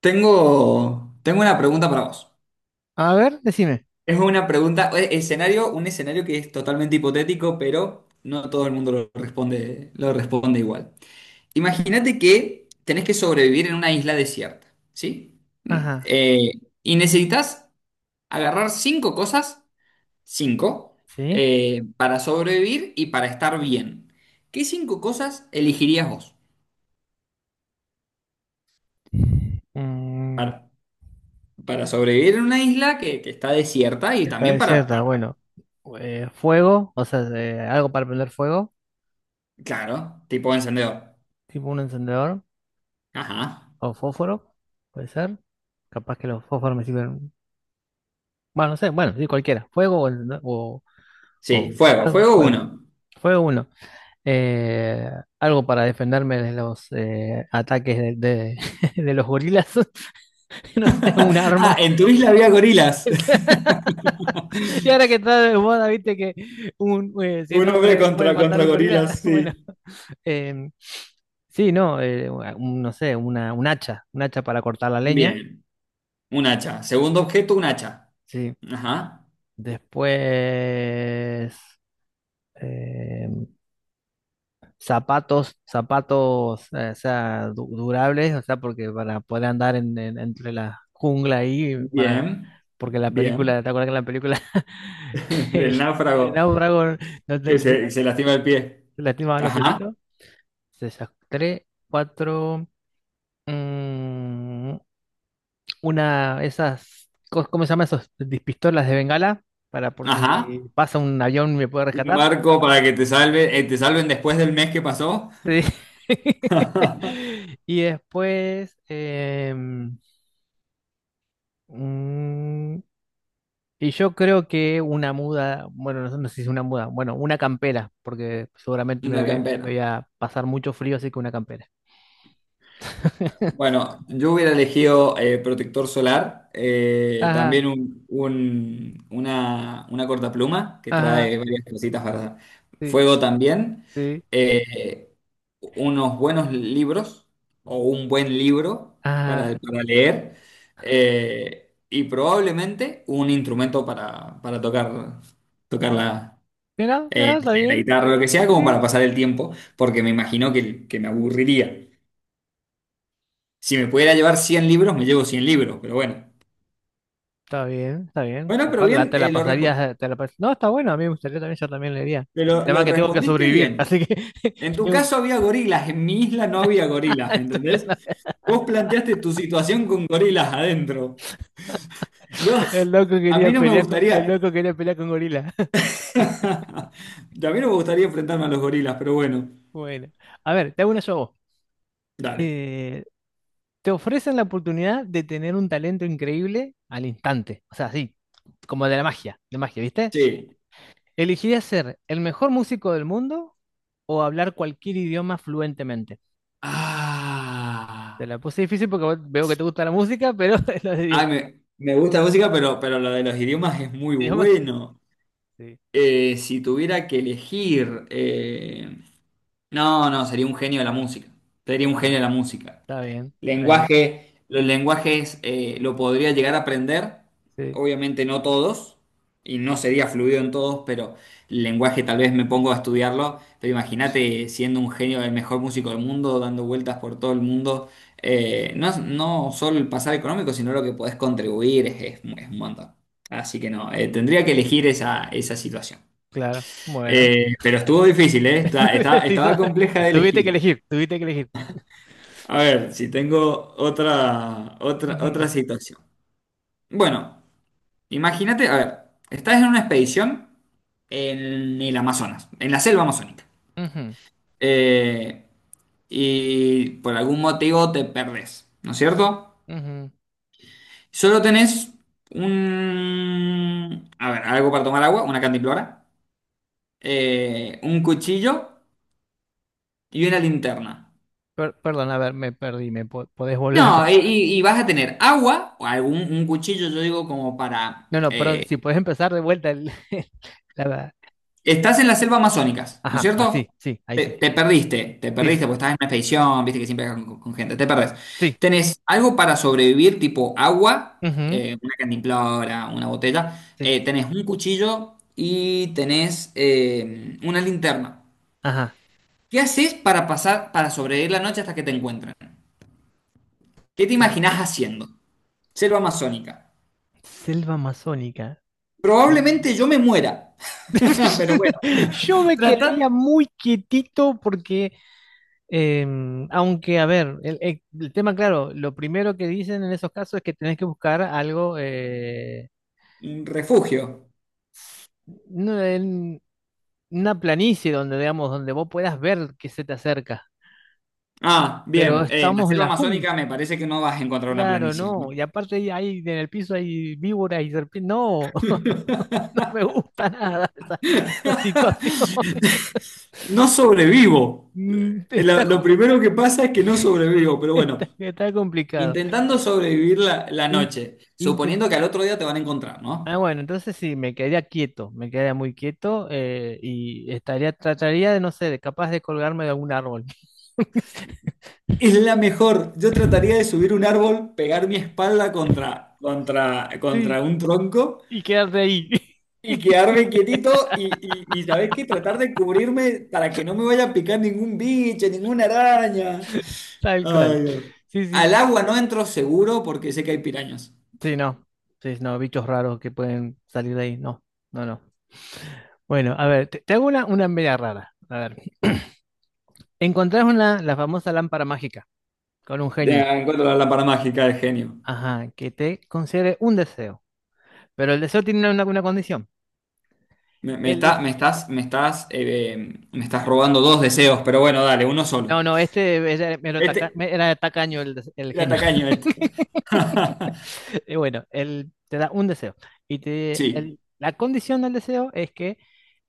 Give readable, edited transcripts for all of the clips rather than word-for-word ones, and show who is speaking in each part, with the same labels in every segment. Speaker 1: Tengo una pregunta para vos.
Speaker 2: A ver, decime.
Speaker 1: Es una pregunta, escenario, un escenario que es totalmente hipotético, pero no todo el mundo lo responde igual. Imagínate que tenés que sobrevivir en una isla desierta, ¿sí?
Speaker 2: Ajá,
Speaker 1: Y necesitas agarrar cinco cosas, cinco,
Speaker 2: sí.
Speaker 1: para sobrevivir y para estar bien. ¿Qué cinco cosas elegirías vos
Speaker 2: Mm,
Speaker 1: para, para sobrevivir en una isla que está desierta y
Speaker 2: está
Speaker 1: también para...
Speaker 2: desierta, bueno. Fuego, o sea, algo para prender fuego,
Speaker 1: Claro, tipo encendedor.
Speaker 2: tipo un encendedor
Speaker 1: Ajá.
Speaker 2: o fósforo, puede ser. Capaz que los fósforos me sirven. Bueno, no sé, bueno, sí, cualquiera. Fuego.
Speaker 1: Sí, fuego, fuego
Speaker 2: Fuego.
Speaker 1: uno.
Speaker 2: Fuego uno. Eh, Algo para defenderme de los ataques de los gorilas. No sé, un
Speaker 1: Ah,
Speaker 2: arma.
Speaker 1: en tu isla había gorilas.
Speaker 2: Y ahora que está de moda, viste que 100
Speaker 1: Un hombre
Speaker 2: hombres pueden
Speaker 1: contra,
Speaker 2: matar
Speaker 1: contra
Speaker 2: un gorila.
Speaker 1: gorilas,
Speaker 2: Bueno,
Speaker 1: sí.
Speaker 2: eh, sí, no, no sé, un hacha para cortar la leña.
Speaker 1: Bien, un hacha. Segundo objeto, un hacha.
Speaker 2: Sí.
Speaker 1: Ajá.
Speaker 2: Después, eh, zapatos, zapatos, o sea, durables, o sea, porque para poder andar entre la jungla ahí, para,
Speaker 1: Bien,
Speaker 2: porque la
Speaker 1: bien.
Speaker 2: película, ¿te acuerdas que en la película el,
Speaker 1: Del
Speaker 2: el
Speaker 1: náufrago
Speaker 2: náufrago no te,
Speaker 1: que
Speaker 2: se-
Speaker 1: se lastima el pie.
Speaker 2: se lastimaba los
Speaker 1: Ajá,
Speaker 2: piecitos? Se sacaré cuatro. mm, una, esas. ¿Cómo se llaman esos? Pistolas de bengala. Para por
Speaker 1: ajá.
Speaker 2: si pasa un avión y me puede
Speaker 1: Un
Speaker 2: rescatar.
Speaker 1: barco para que te salve, te salven después del mes que pasó.
Speaker 2: Sí. Y después. Mm, y yo creo que una muda. Bueno, no, no sé si es una muda. Bueno, una campera. Porque seguramente
Speaker 1: Una campera.
Speaker 2: voy a pasar mucho frío, así que una campera.
Speaker 1: Bueno, yo hubiera elegido protector solar,
Speaker 2: Ajá,
Speaker 1: también una cortapluma que
Speaker 2: ajá,
Speaker 1: trae varias cositas para
Speaker 2: sí,
Speaker 1: fuego también,
Speaker 2: sí,
Speaker 1: eh, unos buenos libros o un buen libro
Speaker 2: ajá.
Speaker 1: para leer y probablemente un instrumento para tocar, tocar la,
Speaker 2: Mira,
Speaker 1: eh,
Speaker 2: mira, está
Speaker 1: la
Speaker 2: bien.
Speaker 1: guitarra, lo que
Speaker 2: Sí,
Speaker 1: sea, como para
Speaker 2: sí.
Speaker 1: pasar el tiempo, porque me imagino que me aburriría. Si me pudiera llevar 100 libros, me llevo 100 libros, pero bueno.
Speaker 2: Está bien, está bien.
Speaker 1: Bueno, pero bien,
Speaker 2: Te la pasarías, no, está bueno, a mí me gustaría también, yo también leería. Pero el
Speaker 1: pero
Speaker 2: tema es
Speaker 1: lo
Speaker 2: que tengo que
Speaker 1: respondiste
Speaker 2: sobrevivir,
Speaker 1: bien.
Speaker 2: así que
Speaker 1: En tu
Speaker 2: tengo-
Speaker 1: caso había gorilas, en mi isla no había gorilas, ¿me
Speaker 2: estoy
Speaker 1: ¿entendés?
Speaker 2: la-
Speaker 1: Vos planteaste tu situación con gorilas adentro. Yo,
Speaker 2: el loco
Speaker 1: a
Speaker 2: quería
Speaker 1: mí no me
Speaker 2: pelear con, el
Speaker 1: gustaría,
Speaker 2: loco quería pelear con gorila.
Speaker 1: a mí no me gustaría enfrentarme a los gorilas, pero bueno,
Speaker 2: Bueno, a ver, te hago una yo a vos.
Speaker 1: dale.
Speaker 2: Eh, Te ofrecen la oportunidad de tener un talento increíble al instante, o sea, así, como de la magia, de magia, ¿viste?
Speaker 1: Sí.
Speaker 2: ¿Elegirías ser el mejor músico del mundo o hablar cualquier idioma fluentemente? Te
Speaker 1: Ah,
Speaker 2: la puse difícil porque veo que te gusta la música, pero los
Speaker 1: ay,
Speaker 2: idi-
Speaker 1: me gusta la música, pero lo de los idiomas es muy
Speaker 2: idiomas.
Speaker 1: bueno.
Speaker 2: Sí.
Speaker 1: Si tuviera que elegir, No, no, sería un genio de la música. Sería un
Speaker 2: A
Speaker 1: genio
Speaker 2: ver,
Speaker 1: de la música.
Speaker 2: está bien, está bien.
Speaker 1: Lenguaje, los lenguajes lo podría llegar a aprender,
Speaker 2: Sí,
Speaker 1: obviamente no todos, y no sería fluido en todos, pero el lenguaje tal vez me pongo a estudiarlo, pero imagínate siendo un genio, el mejor músico del mundo, dando vueltas por todo el mundo, no, no solo el pasar económico, sino lo que podés contribuir es un montón. Así que no, tendría que elegir esa, esa situación.
Speaker 2: claro. Bueno.
Speaker 1: Pero estuvo difícil, ¿eh?
Speaker 2: Te hizo-
Speaker 1: Estaba compleja de elegir.
Speaker 2: Tuviste que elegir.
Speaker 1: A ver, si tengo otra, otra,
Speaker 2: Ujú,
Speaker 1: otra situación. Bueno, imagínate, a ver, estás en una expedición en el Amazonas, en la selva amazónica.
Speaker 2: ujú,
Speaker 1: Eh, y por algún motivo te perdés, ¿no es cierto?
Speaker 2: ujú.
Speaker 1: Solo tenés un, a ver, algo para tomar agua, una cantimplora, un cuchillo y una linterna.
Speaker 2: Perdón, a ver, me perdí. Podés volver a
Speaker 1: No,
Speaker 2: empezar?
Speaker 1: y vas a tener agua o algún un cuchillo, yo digo, como para
Speaker 2: No, no, perdón. Si podés empezar de vuelta. El- la, la-
Speaker 1: estás en la selva amazónicas, ¿no es
Speaker 2: Ajá,
Speaker 1: cierto?
Speaker 2: así, sí, ahí
Speaker 1: Te,
Speaker 2: sí.
Speaker 1: te
Speaker 2: Sí, sí,
Speaker 1: perdiste porque estás en una expedición, viste que siempre estás con gente, te perdés.
Speaker 2: sí.
Speaker 1: ¿Tenés algo para sobrevivir, tipo agua,
Speaker 2: Ujú,
Speaker 1: una cantimplora, una botella?
Speaker 2: sí.
Speaker 1: Eh, tenés un cuchillo y tenés una linterna.
Speaker 2: Ajá.
Speaker 1: ¿Qué haces para pasar, para sobrevivir la noche hasta que te encuentren? ¿Qué te
Speaker 2: Eh,
Speaker 1: imaginás haciendo? Selva amazónica.
Speaker 2: Selva amazónica. Sí.
Speaker 1: Probablemente yo me muera, pero bueno,
Speaker 2: Yo me
Speaker 1: trata...
Speaker 2: quedaría muy quietito porque aunque, a ver, el tema, claro, lo primero que dicen en esos casos es que tenés que buscar algo,
Speaker 1: Un refugio.
Speaker 2: no, en una planicie donde, digamos, donde vos puedas ver que se te acerca.
Speaker 1: Ah,
Speaker 2: Pero
Speaker 1: bien. En la
Speaker 2: estamos en
Speaker 1: selva
Speaker 2: la jungla,
Speaker 1: amazónica me parece que no vas a encontrar una
Speaker 2: claro,
Speaker 1: planicie, ¿eh?
Speaker 2: no. Y aparte ahí, ahí en el piso hay víboras y serpientes. No, no me gusta nada esa, esa situación.
Speaker 1: No sobrevivo.
Speaker 2: Mm, está,
Speaker 1: Lo
Speaker 2: ju-
Speaker 1: primero que pasa es que no sobrevivo, pero bueno,
Speaker 2: está, está complicado.
Speaker 1: intentando sobrevivir la, la
Speaker 2: In-
Speaker 1: noche, suponiendo que al otro día te van a encontrar,
Speaker 2: Ah,
Speaker 1: ¿no?
Speaker 2: bueno, entonces sí, me quedaría quieto, me quedaría muy quieto y estaría, trataría de, no sé, de capaz de colgarme de algún árbol.
Speaker 1: Es la mejor. Yo trataría de subir un árbol, pegar mi espalda contra, contra,
Speaker 2: Sí,
Speaker 1: contra un tronco
Speaker 2: y quedarte ahí,
Speaker 1: y quedarme quietito y ¿sabés qué? Tratar de cubrirme para que no me vaya a picar ningún bicho, ninguna araña.
Speaker 2: tal
Speaker 1: Ay,
Speaker 2: cual.
Speaker 1: Dios.
Speaker 2: Sí, sí.
Speaker 1: Al agua no entro seguro porque sé que hay pirañas.
Speaker 2: Sí, no. Sí, no, bichos raros que pueden salir de ahí. No, no, no. Bueno, a ver, te hago una media rara. A ver. Encontrás una, la famosa lámpara mágica con un genio.
Speaker 1: Encuentro la lámpara mágica del genio.
Speaker 2: Ajá, que te concede un deseo. Pero el deseo tiene una condición.
Speaker 1: Me
Speaker 2: El deseo
Speaker 1: está- me estás, me estás, me estás robando dos deseos, pero bueno, dale, uno
Speaker 2: no,
Speaker 1: solo.
Speaker 2: no, este era,
Speaker 1: Este,
Speaker 2: era tacaño el
Speaker 1: era
Speaker 2: genio.
Speaker 1: tacaño este.
Speaker 2: Y bueno, él te da un deseo. Y te,
Speaker 1: Sí.
Speaker 2: la condición del deseo es que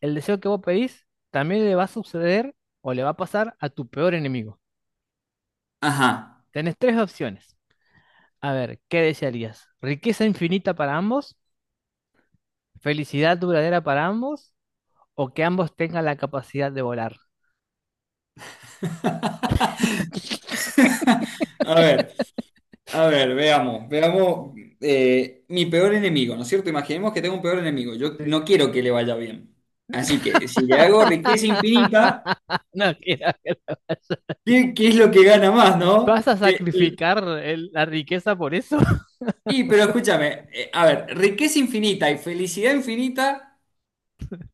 Speaker 2: el deseo que vos pedís también le va a suceder o le va a pasar a tu peor enemigo.
Speaker 1: Ajá.
Speaker 2: Tenés tres opciones. A ver, ¿qué desearías? ¿Riqueza infinita para ambos? ¿Felicidad duradera para ambos? ¿O que ambos tengan la capacidad de volar?
Speaker 1: A ver, a ver, veamos, veamos mi peor enemigo, ¿no es cierto? Imaginemos que tengo un peor enemigo. Yo
Speaker 2: Sí.
Speaker 1: no quiero que le vaya bien. Así que si le hago riqueza infinita,
Speaker 2: No, quiero
Speaker 1: ¿qué, qué es lo que gana más, no?
Speaker 2: ¿vas a
Speaker 1: Que,
Speaker 2: sacrificar la riqueza por eso?
Speaker 1: pero escúchame, a ver, riqueza infinita y felicidad infinita,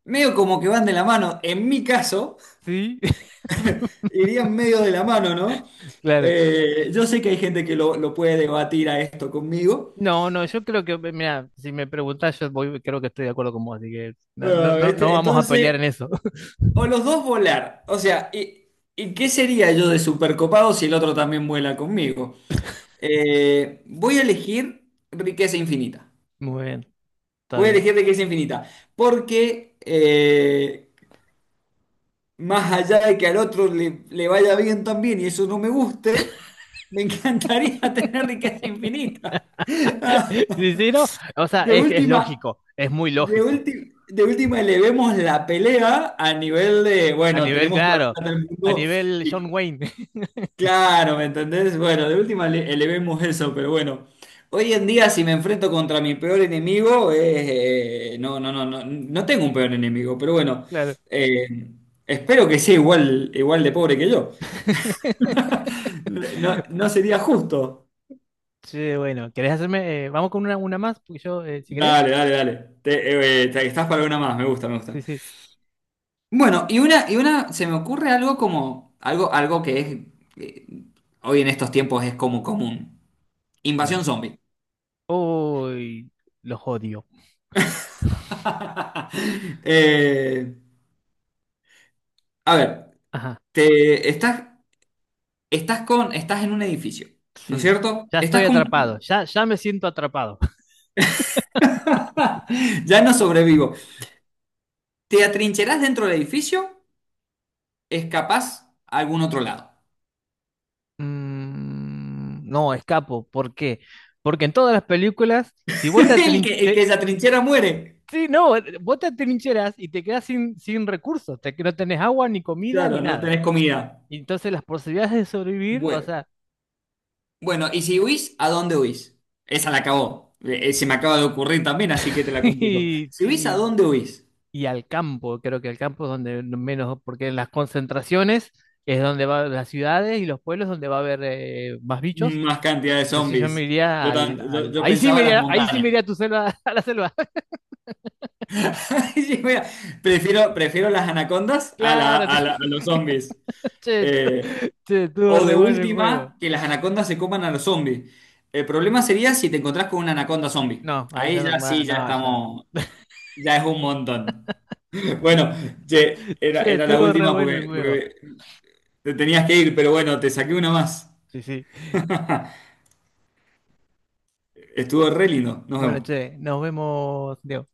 Speaker 1: medio como que van de la mano. En mi caso,
Speaker 2: Sí,
Speaker 1: irían medio de la mano, ¿no?
Speaker 2: claro.
Speaker 1: Yo sé que hay gente que lo puede debatir a esto conmigo.
Speaker 2: No, no, yo creo que, mira, si me preguntás, yo voy, creo que estoy de acuerdo con vos, así que no, no,
Speaker 1: Ah,
Speaker 2: no
Speaker 1: este,
Speaker 2: vamos a pelear en
Speaker 1: entonces,
Speaker 2: eso.
Speaker 1: o los dos volar. O sea, y qué sería yo de supercopado si el otro también vuela conmigo? Voy a elegir riqueza infinita.
Speaker 2: Muy bien, está
Speaker 1: Voy a
Speaker 2: bien.
Speaker 1: elegir de que es infinita. Porque más allá de que al otro le, le vaya bien también y eso no me guste, me encantaría tener riqueza infinita.
Speaker 2: Sí, sí, no, o sea,
Speaker 1: De
Speaker 2: es
Speaker 1: última,
Speaker 2: lógico, es muy
Speaker 1: de
Speaker 2: lógico.
Speaker 1: última, de última elevemos la pelea a nivel de,
Speaker 2: A
Speaker 1: bueno,
Speaker 2: nivel,
Speaker 1: tenemos toda la
Speaker 2: claro,
Speaker 1: plata del
Speaker 2: a
Speaker 1: mundo
Speaker 2: nivel John
Speaker 1: y...
Speaker 2: Wayne,
Speaker 1: Claro, ¿me entendés? Bueno, de última elevemos eso, pero bueno. Hoy en día, si me enfrento contra mi peor enemigo, no, no, no, no, no tengo un peor enemigo, pero bueno,
Speaker 2: claro.
Speaker 1: eh, espero que sea igual, igual de pobre que yo. No, no sería justo.
Speaker 2: Sí, bueno, ¿querés hacerme? Vamos con una más, porque yo, si querés.
Speaker 1: Dale, dale, dale. Estás para una más, me gusta, me gusta.
Speaker 2: Sí, sí.
Speaker 1: Bueno, y una, se me ocurre algo como, algo, algo que es, eh, hoy en estos tiempos es como común.
Speaker 2: A ver.
Speaker 1: Invasión zombie.
Speaker 2: Uy, los odio.
Speaker 1: Eh, a ver,
Speaker 2: Ajá,
Speaker 1: te estás, estás con, estás en un edificio, ¿no es
Speaker 2: sí.
Speaker 1: cierto?
Speaker 2: Ya estoy
Speaker 1: Estás con...
Speaker 2: atrapado, ya, ya me siento atrapado.
Speaker 1: ya no sobrevivo. Te atrincherás dentro del edificio, escapás a algún otro lado.
Speaker 2: Mm, no, escapo. ¿Por qué? Porque en todas las películas, si vos te,
Speaker 1: El
Speaker 2: atrin-
Speaker 1: que, el
Speaker 2: te-
Speaker 1: que se atrinchera muere.
Speaker 2: sí, no, vos te atrincheras y te quedas sin, sin recursos, te, que no tenés agua, ni comida, ni
Speaker 1: Claro, no
Speaker 2: nada.
Speaker 1: tenés comida.
Speaker 2: Y entonces las posibilidades de sobrevivir, o
Speaker 1: Bueno,
Speaker 2: sea,
Speaker 1: bueno, y si huís, ¿a dónde huís? Esa la acabó. Se me acaba de ocurrir también, así que te la complico.
Speaker 2: y,
Speaker 1: Si huís, ¿a
Speaker 2: y-
Speaker 1: dónde huís?
Speaker 2: y al campo, creo que al campo es donde menos, porque en las concentraciones es donde van las ciudades y los pueblos donde va a haber más bichos.
Speaker 1: Más cantidad de
Speaker 2: Entonces yo me
Speaker 1: zombies.
Speaker 2: iría
Speaker 1: Yo, yo
Speaker 2: ahí sí
Speaker 1: pensaba
Speaker 2: me
Speaker 1: en las
Speaker 2: iría, ahí sí me
Speaker 1: montañas.
Speaker 2: iría a tu selva, a la selva.
Speaker 1: Sí, mira, prefiero, prefiero las anacondas a,
Speaker 2: Claro,
Speaker 1: a los zombies.
Speaker 2: te-
Speaker 1: Eh,
Speaker 2: Che, estuvo
Speaker 1: o de
Speaker 2: re bueno el juego.
Speaker 1: última, que las anacondas se coman a los zombies. El problema sería si te encontrás con una anaconda zombie.
Speaker 2: No, ahí ya
Speaker 1: Ahí
Speaker 2: no,
Speaker 1: ya
Speaker 2: bueno,
Speaker 1: sí, ya
Speaker 2: no, ya.
Speaker 1: estamos, ya es un montón. Bueno, che, era,
Speaker 2: Che,
Speaker 1: era la
Speaker 2: estuvo re
Speaker 1: última
Speaker 2: bueno el
Speaker 1: porque,
Speaker 2: juego.
Speaker 1: porque te tenías que ir, pero bueno, te saqué una más.
Speaker 2: Sí, sí.
Speaker 1: Estuvo re lindo. Nos
Speaker 2: Bueno,
Speaker 1: vemos.
Speaker 2: che, nos vemos, Diego.